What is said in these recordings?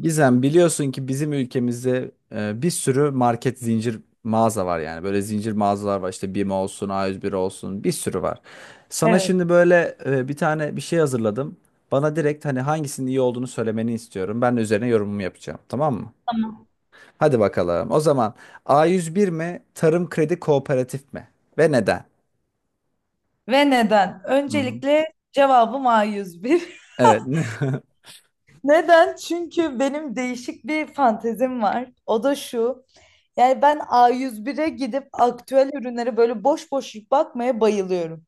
Gizem, biliyorsun ki bizim ülkemizde bir sürü market zincir mağaza var yani. Böyle zincir mağazalar var işte BİM olsun, A101 olsun bir sürü var. Sana Evet. şimdi böyle bir tane bir şey hazırladım. Bana direkt hani hangisinin iyi olduğunu söylemeni istiyorum. Ben de üzerine yorumumu yapacağım, tamam mı? Tamam. Hadi bakalım. O zaman A101 mi, Tarım Kredi Kooperatif mi ve neden? Ve neden? Hı hı. Öncelikle cevabım A101. Evet. Neden? Çünkü benim değişik bir fantezim var. O da şu. Yani ben A101'e gidip aktüel ürünlere böyle boş boş bakmaya bayılıyorum.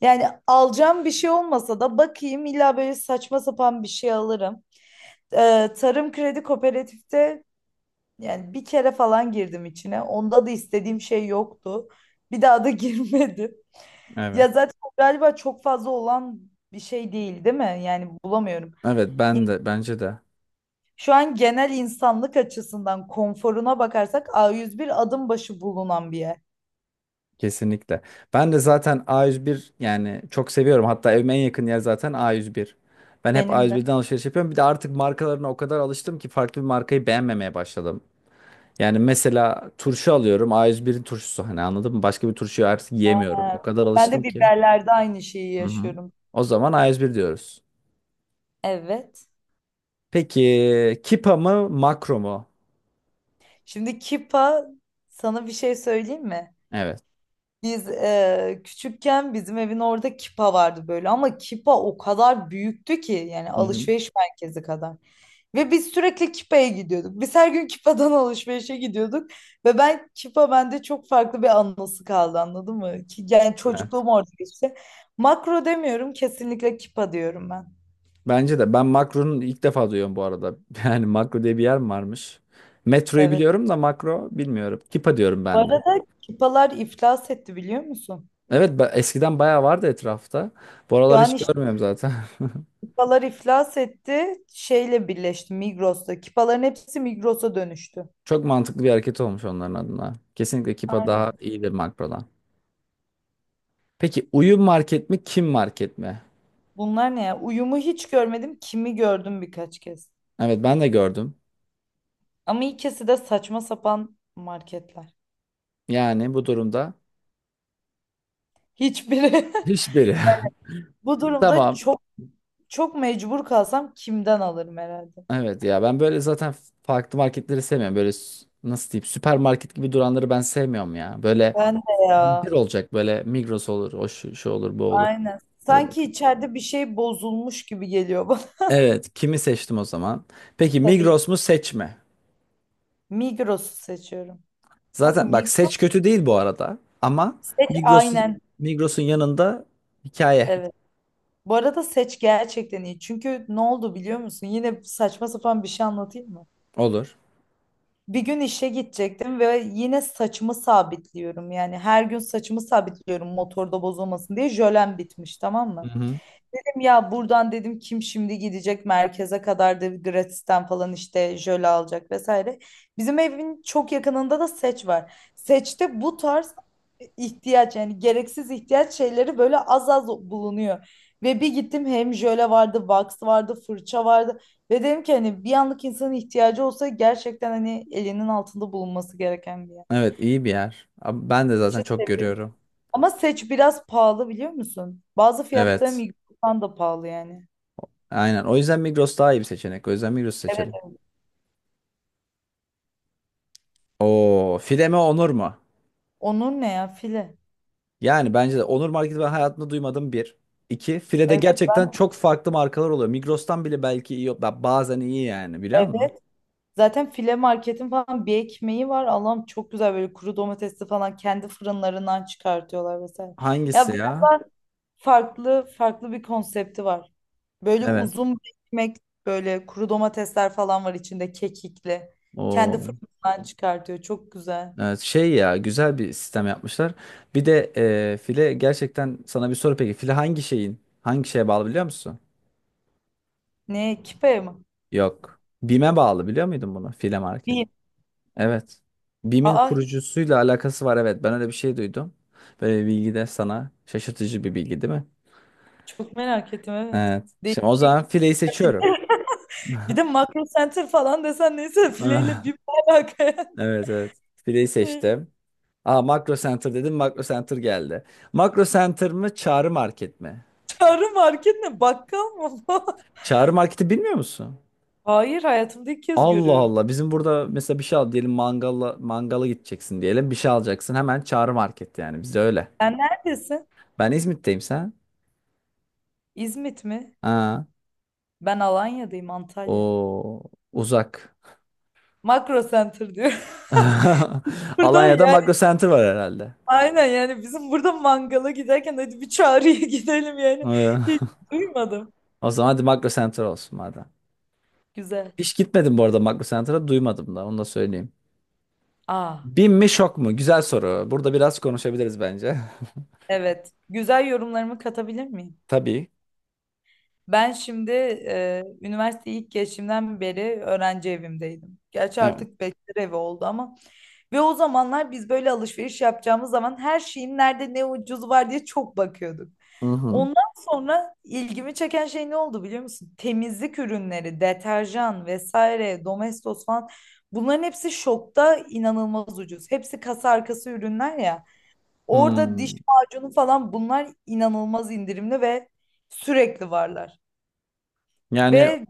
Yani alacağım bir şey olmasa da bakayım illa böyle saçma sapan bir şey alırım. Tarım Kredi Kooperatif'te yani bir kere falan girdim içine. Onda da istediğim şey yoktu. Bir daha da girmedim. Evet. Ya zaten o galiba çok fazla olan bir şey değil, değil mi? Yani bulamıyorum. Evet, Ya ben de bence de. şu an genel insanlık açısından konforuna bakarsak A101 adım başı bulunan bir yer. Kesinlikle. Ben de zaten A101 yani çok seviyorum. Hatta evime en yakın yer zaten A101. Ben hep Benim de. A101'den alışveriş yapıyorum. Bir de artık markalarına o kadar alıştım ki farklı bir markayı beğenmemeye başladım. Yani mesela turşu alıyorum. A101'in turşusu hani anladın mı? Başka bir turşuyu artık yiyemiyorum. Ha. O kadar Ben alıştım de ki. biberlerde aynı şeyi Hı hı. yaşıyorum. O zaman A101 diyoruz. Evet. Peki Kipa mı Makro mu? Şimdi Kipa sana bir şey söyleyeyim mi? Evet. Biz küçükken bizim evin orada Kipa vardı böyle, ama Kipa o kadar büyüktü ki yani Hı hı. alışveriş merkezi kadar. Ve biz sürekli Kipa'ya gidiyorduk. Biz her gün Kipa'dan alışverişe gidiyorduk. Ve ben Kipa bende çok farklı bir anısı kaldı, anladın mı? Ki yani Evet. çocukluğum orada geçti. Makro demiyorum, kesinlikle Kipa diyorum ben. Bence de. Ben Makro'nun ilk defa duyuyorum bu arada. Yani Makro diye bir yer mi varmış? Metroyu Evet. biliyorum da Makro bilmiyorum. Kipa diyorum Bu ben de. arada Kipalar iflas etti, biliyor musun? Evet, eskiden bayağı vardı etrafta. Bu Şu aralar hiç an işte görmüyorum zaten. Kipalar iflas etti. Şeyle birleşti, Migros'ta. Kipaların hepsi Migros'a dönüştü. Çok mantıklı bir hareket olmuş onların adına. Kesinlikle Kipa daha Aynen. iyidir Makro'dan. Peki uyum market mi kim market mi? Bunlar ne ya? Uyumu hiç görmedim. Kimi gördüm birkaç kez. Evet, ben de gördüm. Ama ikisi de saçma sapan marketler. Yani bu durumda Hiçbiri. hiçbiri. Bu durumda Tamam. çok çok mecbur kalsam kimden alırım herhalde. Evet ya, ben böyle zaten farklı marketleri sevmiyorum. Böyle nasıl diyeyim, süpermarket gibi duranları ben sevmiyorum ya. Böyle Ben de ya. zincir olacak böyle, Migros olur, o şu, şu olur, bu olur. Aynen. Hadi bak. Sanki içeride bir şey bozulmuş gibi geliyor bana. Evet, kimi seçtim o zaman? Peki Tabii Migros mu seç mi? Migros'u seçiyorum. Abi Zaten bak, Migros seç kötü değil bu arada ama seç, Migros'un aynen. Migros'un yanında hikaye Evet. Bu arada seç gerçekten iyi. Çünkü ne oldu biliyor musun? Yine saçma sapan bir şey anlatayım mı? olur. Bir gün işe gidecektim ve yine saçımı sabitliyorum. Yani her gün saçımı sabitliyorum motorda bozulmasın diye. Jölem bitmiş, tamam Hı mı? hı. Ya buradan dedim kim şimdi gidecek merkeze kadar da gratisten falan işte jöle alacak vesaire. Bizim evin çok yakınında da Seç var. Seç'te bu tarz ihtiyaç, yani gereksiz ihtiyaç şeyleri böyle az az bulunuyor. Ve bir gittim hem jöle vardı, wax vardı, fırça vardı. Ve dedim ki hani bir anlık insanın ihtiyacı olsa gerçekten hani elinin altında bulunması gereken bir yer. Evet, iyi bir yer. Abi, ben de Seç'i zaten çok seviyorum. görüyorum. Ama Seç biraz pahalı, biliyor musun? Bazı fiyatları Evet. Migros'tan da pahalı yani. Aynen. O yüzden Migros daha iyi bir seçenek. O yüzden Migros'u Evet. seçelim. Oo, file mi Onur mu? Onun ne ya file? Yani bence de Onur Market'i ben hayatımda duymadım bir. İki, File'de Evet, gerçekten çok farklı markalar oluyor. Migros'tan bile belki iyi, bazen iyi yani biliyor musun? evet. Zaten file marketin falan bir ekmeği var. Allah'ım çok güzel, böyle kuru domatesli falan kendi fırınlarından çıkartıyorlar vesaire. Ya Hangisi biraz ya? daha farklı farklı bir konsepti var. Böyle Evet. uzun bir ekmek, böyle kuru domatesler falan var içinde, kekikli. Kendi O, fırınından çıkartıyor. Çok güzel. evet, şey ya güzel bir sistem yapmışlar. Bir de File gerçekten sana bir soru peki. File hangi şeyin? Hangi şeye bağlı biliyor musun? Ne? Kipe mi? Yok. BİM'e bağlı biliyor muydun bunu? File Market. Bir. Evet. BİM'in Aa, kurucusuyla alakası var, evet. Ben öyle bir şey duydum. Böyle bir bilgi de sana şaşırtıcı bir bilgi değil mi? çok merak ettim evet. Evet. Şimdi o zaman Değişik. fileyi seçiyorum. Bir de Makro Center falan desen neyse, fileyle Ah, bir alaka. evet, evet. Fileyi seçtim. Aa, Makro Center dedim. Makro Center geldi. Makro Center mı Çağrı Market mi? Çağrı market ne? Bakkal mı? Bu? Çağrı Market'i bilmiyor musun? Hayır, hayatımda ilk kez Allah görüyorum. Allah. Bizim burada mesela bir şey al diyelim, mangala mangala gideceksin diyelim. Bir şey alacaksın. Hemen Çağrı Market yani. Bizde öyle. Sen neredesin? Ben İzmit'teyim, sen? İzmit mi? Aa, Ben Alanya'dayım, Antalya. o uzak. Makro Center diyor. Burada Alanya'da yani Makro Center var herhalde. aynen, yani bizim burada mangala giderken hadi bir Çağrı'ya gidelim yani. Ee, Hiç duymadım. O zaman hadi Makro Center olsun madem. Güzel. Hiç gitmedim bu arada Makro Center'a, duymadım da onu da söyleyeyim. Aa, Bin mi şok mu? Güzel soru. Burada biraz konuşabiliriz bence. evet. Güzel, yorumlarımı katabilir miyim? Tabii. Ben şimdi üniversite ilk geçimden beri öğrenci evimdeydim. Gerçi Evet. artık bekar evi oldu ama. Ve o zamanlar biz böyle alışveriş yapacağımız zaman her şeyin nerede ne ucuz var diye çok bakıyorduk. Hı hı. Ondan sonra ilgimi çeken şey ne oldu biliyor musun? Temizlik ürünleri, deterjan vesaire, Domestos falan, bunların hepsi şokta inanılmaz ucuz. Hepsi kasa arkası ürünler ya. Orada diş Hmm. macunu falan, bunlar inanılmaz indirimli ve sürekli varlar. Yani Ve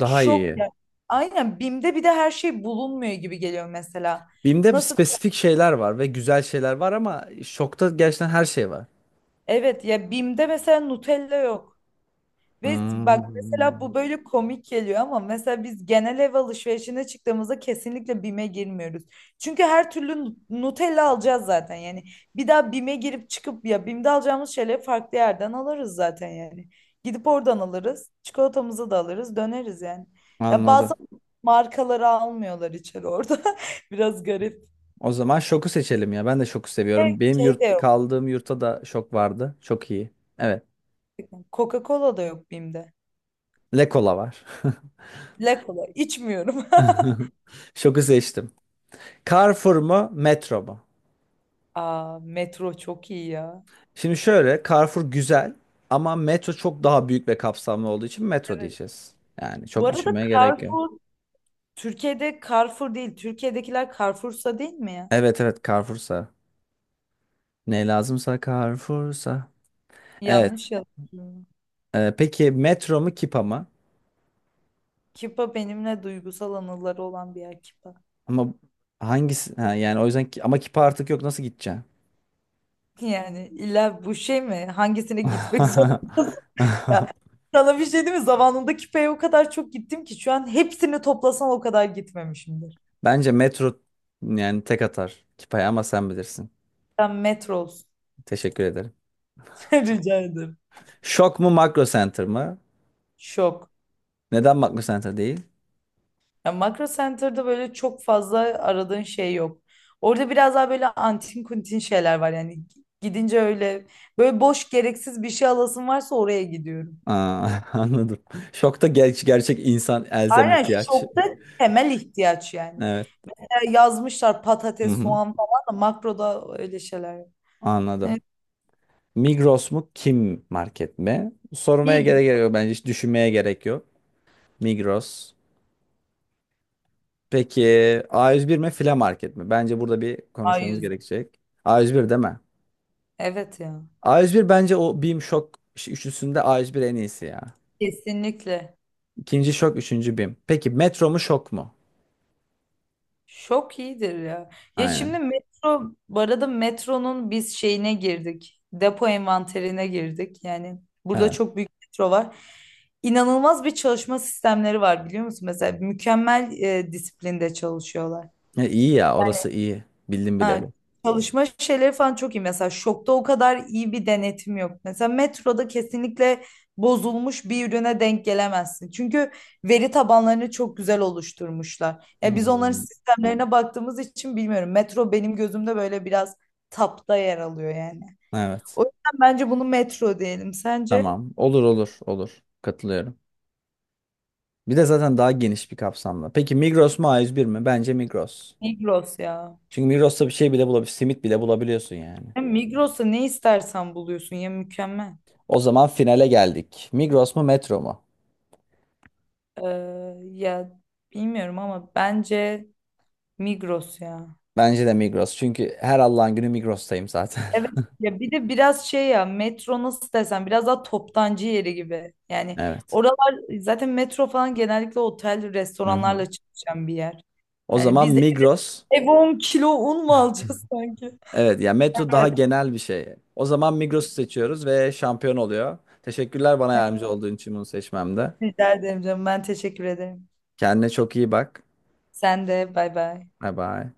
daha şok iyi. ya- aynen, BİM'de bir de her şey bulunmuyor gibi geliyor mesela. Binde Nasıl? spesifik şeyler var ve güzel şeyler var ama şokta gerçekten her şey var. Evet ya, BİM'de mesela Nutella yok. Ve bak mesela, Hmm. bu böyle komik geliyor ama mesela biz genel ev alışverişine çıktığımızda kesinlikle BİM'e girmiyoruz. Çünkü her türlü Nutella alacağız zaten yani. Bir daha BİM'e girip çıkıp ya, BİM'de alacağımız şeyleri farklı yerden alırız zaten yani. Gidip oradan alırız. Çikolatamızı da alırız, döneriz yani. Ya bazı Anladım. markaları almıyorlar içeri orada. Biraz garip. O zaman şoku seçelim ya. Ben de şoku Ve seviyorum. Benim Şey de yurt yok. kaldığım yurtta da şok vardı. Çok iyi. Evet. Coca-Cola da yok BİM'de. Lekola var. La Cola içmiyorum. Şoku seçtim. Carrefour mu, metro mu? Aa, metro çok iyi ya. Şimdi şöyle, Carrefour güzel ama metro çok daha büyük ve kapsamlı olduğu için metro diyeceğiz. Yani Bu çok arada düşünmeye gerek yok. Carrefour, Türkiye'de Carrefour değil. Türkiye'dekiler Carrefour'sa, değil mi ya? Evet, evet, Carrefour'sa. Ne lazımsa Carrefour'sa. Evet. Yanlış yazıyorum. Peki metro mu Kipa mı? Kipa benimle duygusal anıları olan bir yer, Kipa. Ama hangisi? Ha, yani o yüzden ama Kipa artık yok, nasıl gideceksin? Yani illa bu şey mi? Hangisine gitmek zorundasın ya? Sana bir şey değil mi? Zamanında Kipa'ya o kadar çok gittim ki şu an hepsini toplasan o kadar gitmemişimdir. Bence metro yani tek atar Kipa'ya ama sen bilirsin. Sen Metros. Teşekkür ederim. Rica ederim. Şok mu Makro Center mı? Şok. Neden Makro Center değil? Ya Makro Center'da böyle çok fazla aradığın şey yok. Orada biraz daha böyle antin kuntin şeyler var yani. Gidince öyle, böyle boş gereksiz bir şey alasın varsa oraya gidiyorum. Aa, anladım. Şokta gerçek insan elzem Aynen, ihtiyaç. şokta temel ihtiyaç yani. Evet. Ya yazmışlar Hı patates, hı. soğan falan, da makroda öyle şeyler yok. Anladım. Evet, Migros mu? Kim market mi? Sormaya iyi gibi. gerek yok bence. Hiç düşünmeye gerek yok. Migros. Peki A101 mi? File market mi? Bence burada bir A konuşmamız yüz? gerekecek. A101 değil mi? Evet ya. A101 bence o BİM Şok üçlüsünde A101 en iyisi ya. Kesinlikle. İkinci Şok, üçüncü BİM. Peki Metro mu Şok mu? Şok iyidir ya. Ya şimdi Aynen. metro, bu arada metronun biz şeyine girdik. Depo envanterine girdik. Yani burada Evet. çok büyük metro var. İnanılmaz bir çalışma sistemleri var, biliyor musun? Mesela mükemmel disiplinde çalışıyorlar. E, iyi ya, orası iyi. Bildim Ha, bileli. çalışma şeyleri falan çok iyi. Mesela şokta o kadar iyi bir denetim yok. Mesela metroda kesinlikle bozulmuş bir ürüne denk gelemezsin. Çünkü veri tabanlarını çok güzel oluşturmuşlar. Ya biz onların Hmm. sistemlerine baktığımız için bilmiyorum. Metro benim gözümde böyle biraz tapta yer alıyor yani. O Evet. yüzden bence bunu metro diyelim. Sence? Tamam. Olur, olur, olur. Katılıyorum. Bir de zaten daha geniş bir kapsamda. Peki Migros mu A101 mi? Bence Migros. Migros ya. Çünkü Migros'ta bir şey bile bulabiliyorsun. Simit bile bulabiliyorsun yani. Ya Migros'ta ne istersen buluyorsun ya, mükemmel. O zaman finale geldik. Migros mu Metro mu? Ee, Ya bilmiyorum ama bence Migros ya. Bence de Migros. Çünkü her Allah'ın günü Migros'tayım zaten. Evet ya, bir de biraz şey ya, metro nasıl desem biraz daha toptancı yeri gibi. Yani Evet. oralar zaten, metro falan genellikle otel Hı hı. restoranlarla çalışan bir yer. O Yani zaman biz Migros. ev 10 kilo un mu alacağız sanki? Evet ya, Metro daha Evet. genel bir şey. O zaman Migros'u seçiyoruz ve şampiyon oluyor. Teşekkürler, bana Evet. yardımcı olduğun için bunu seçmemde. Rica ederim canım, ben teşekkür ederim. Kendine çok iyi bak. Sen de, bay bay. Bye bye.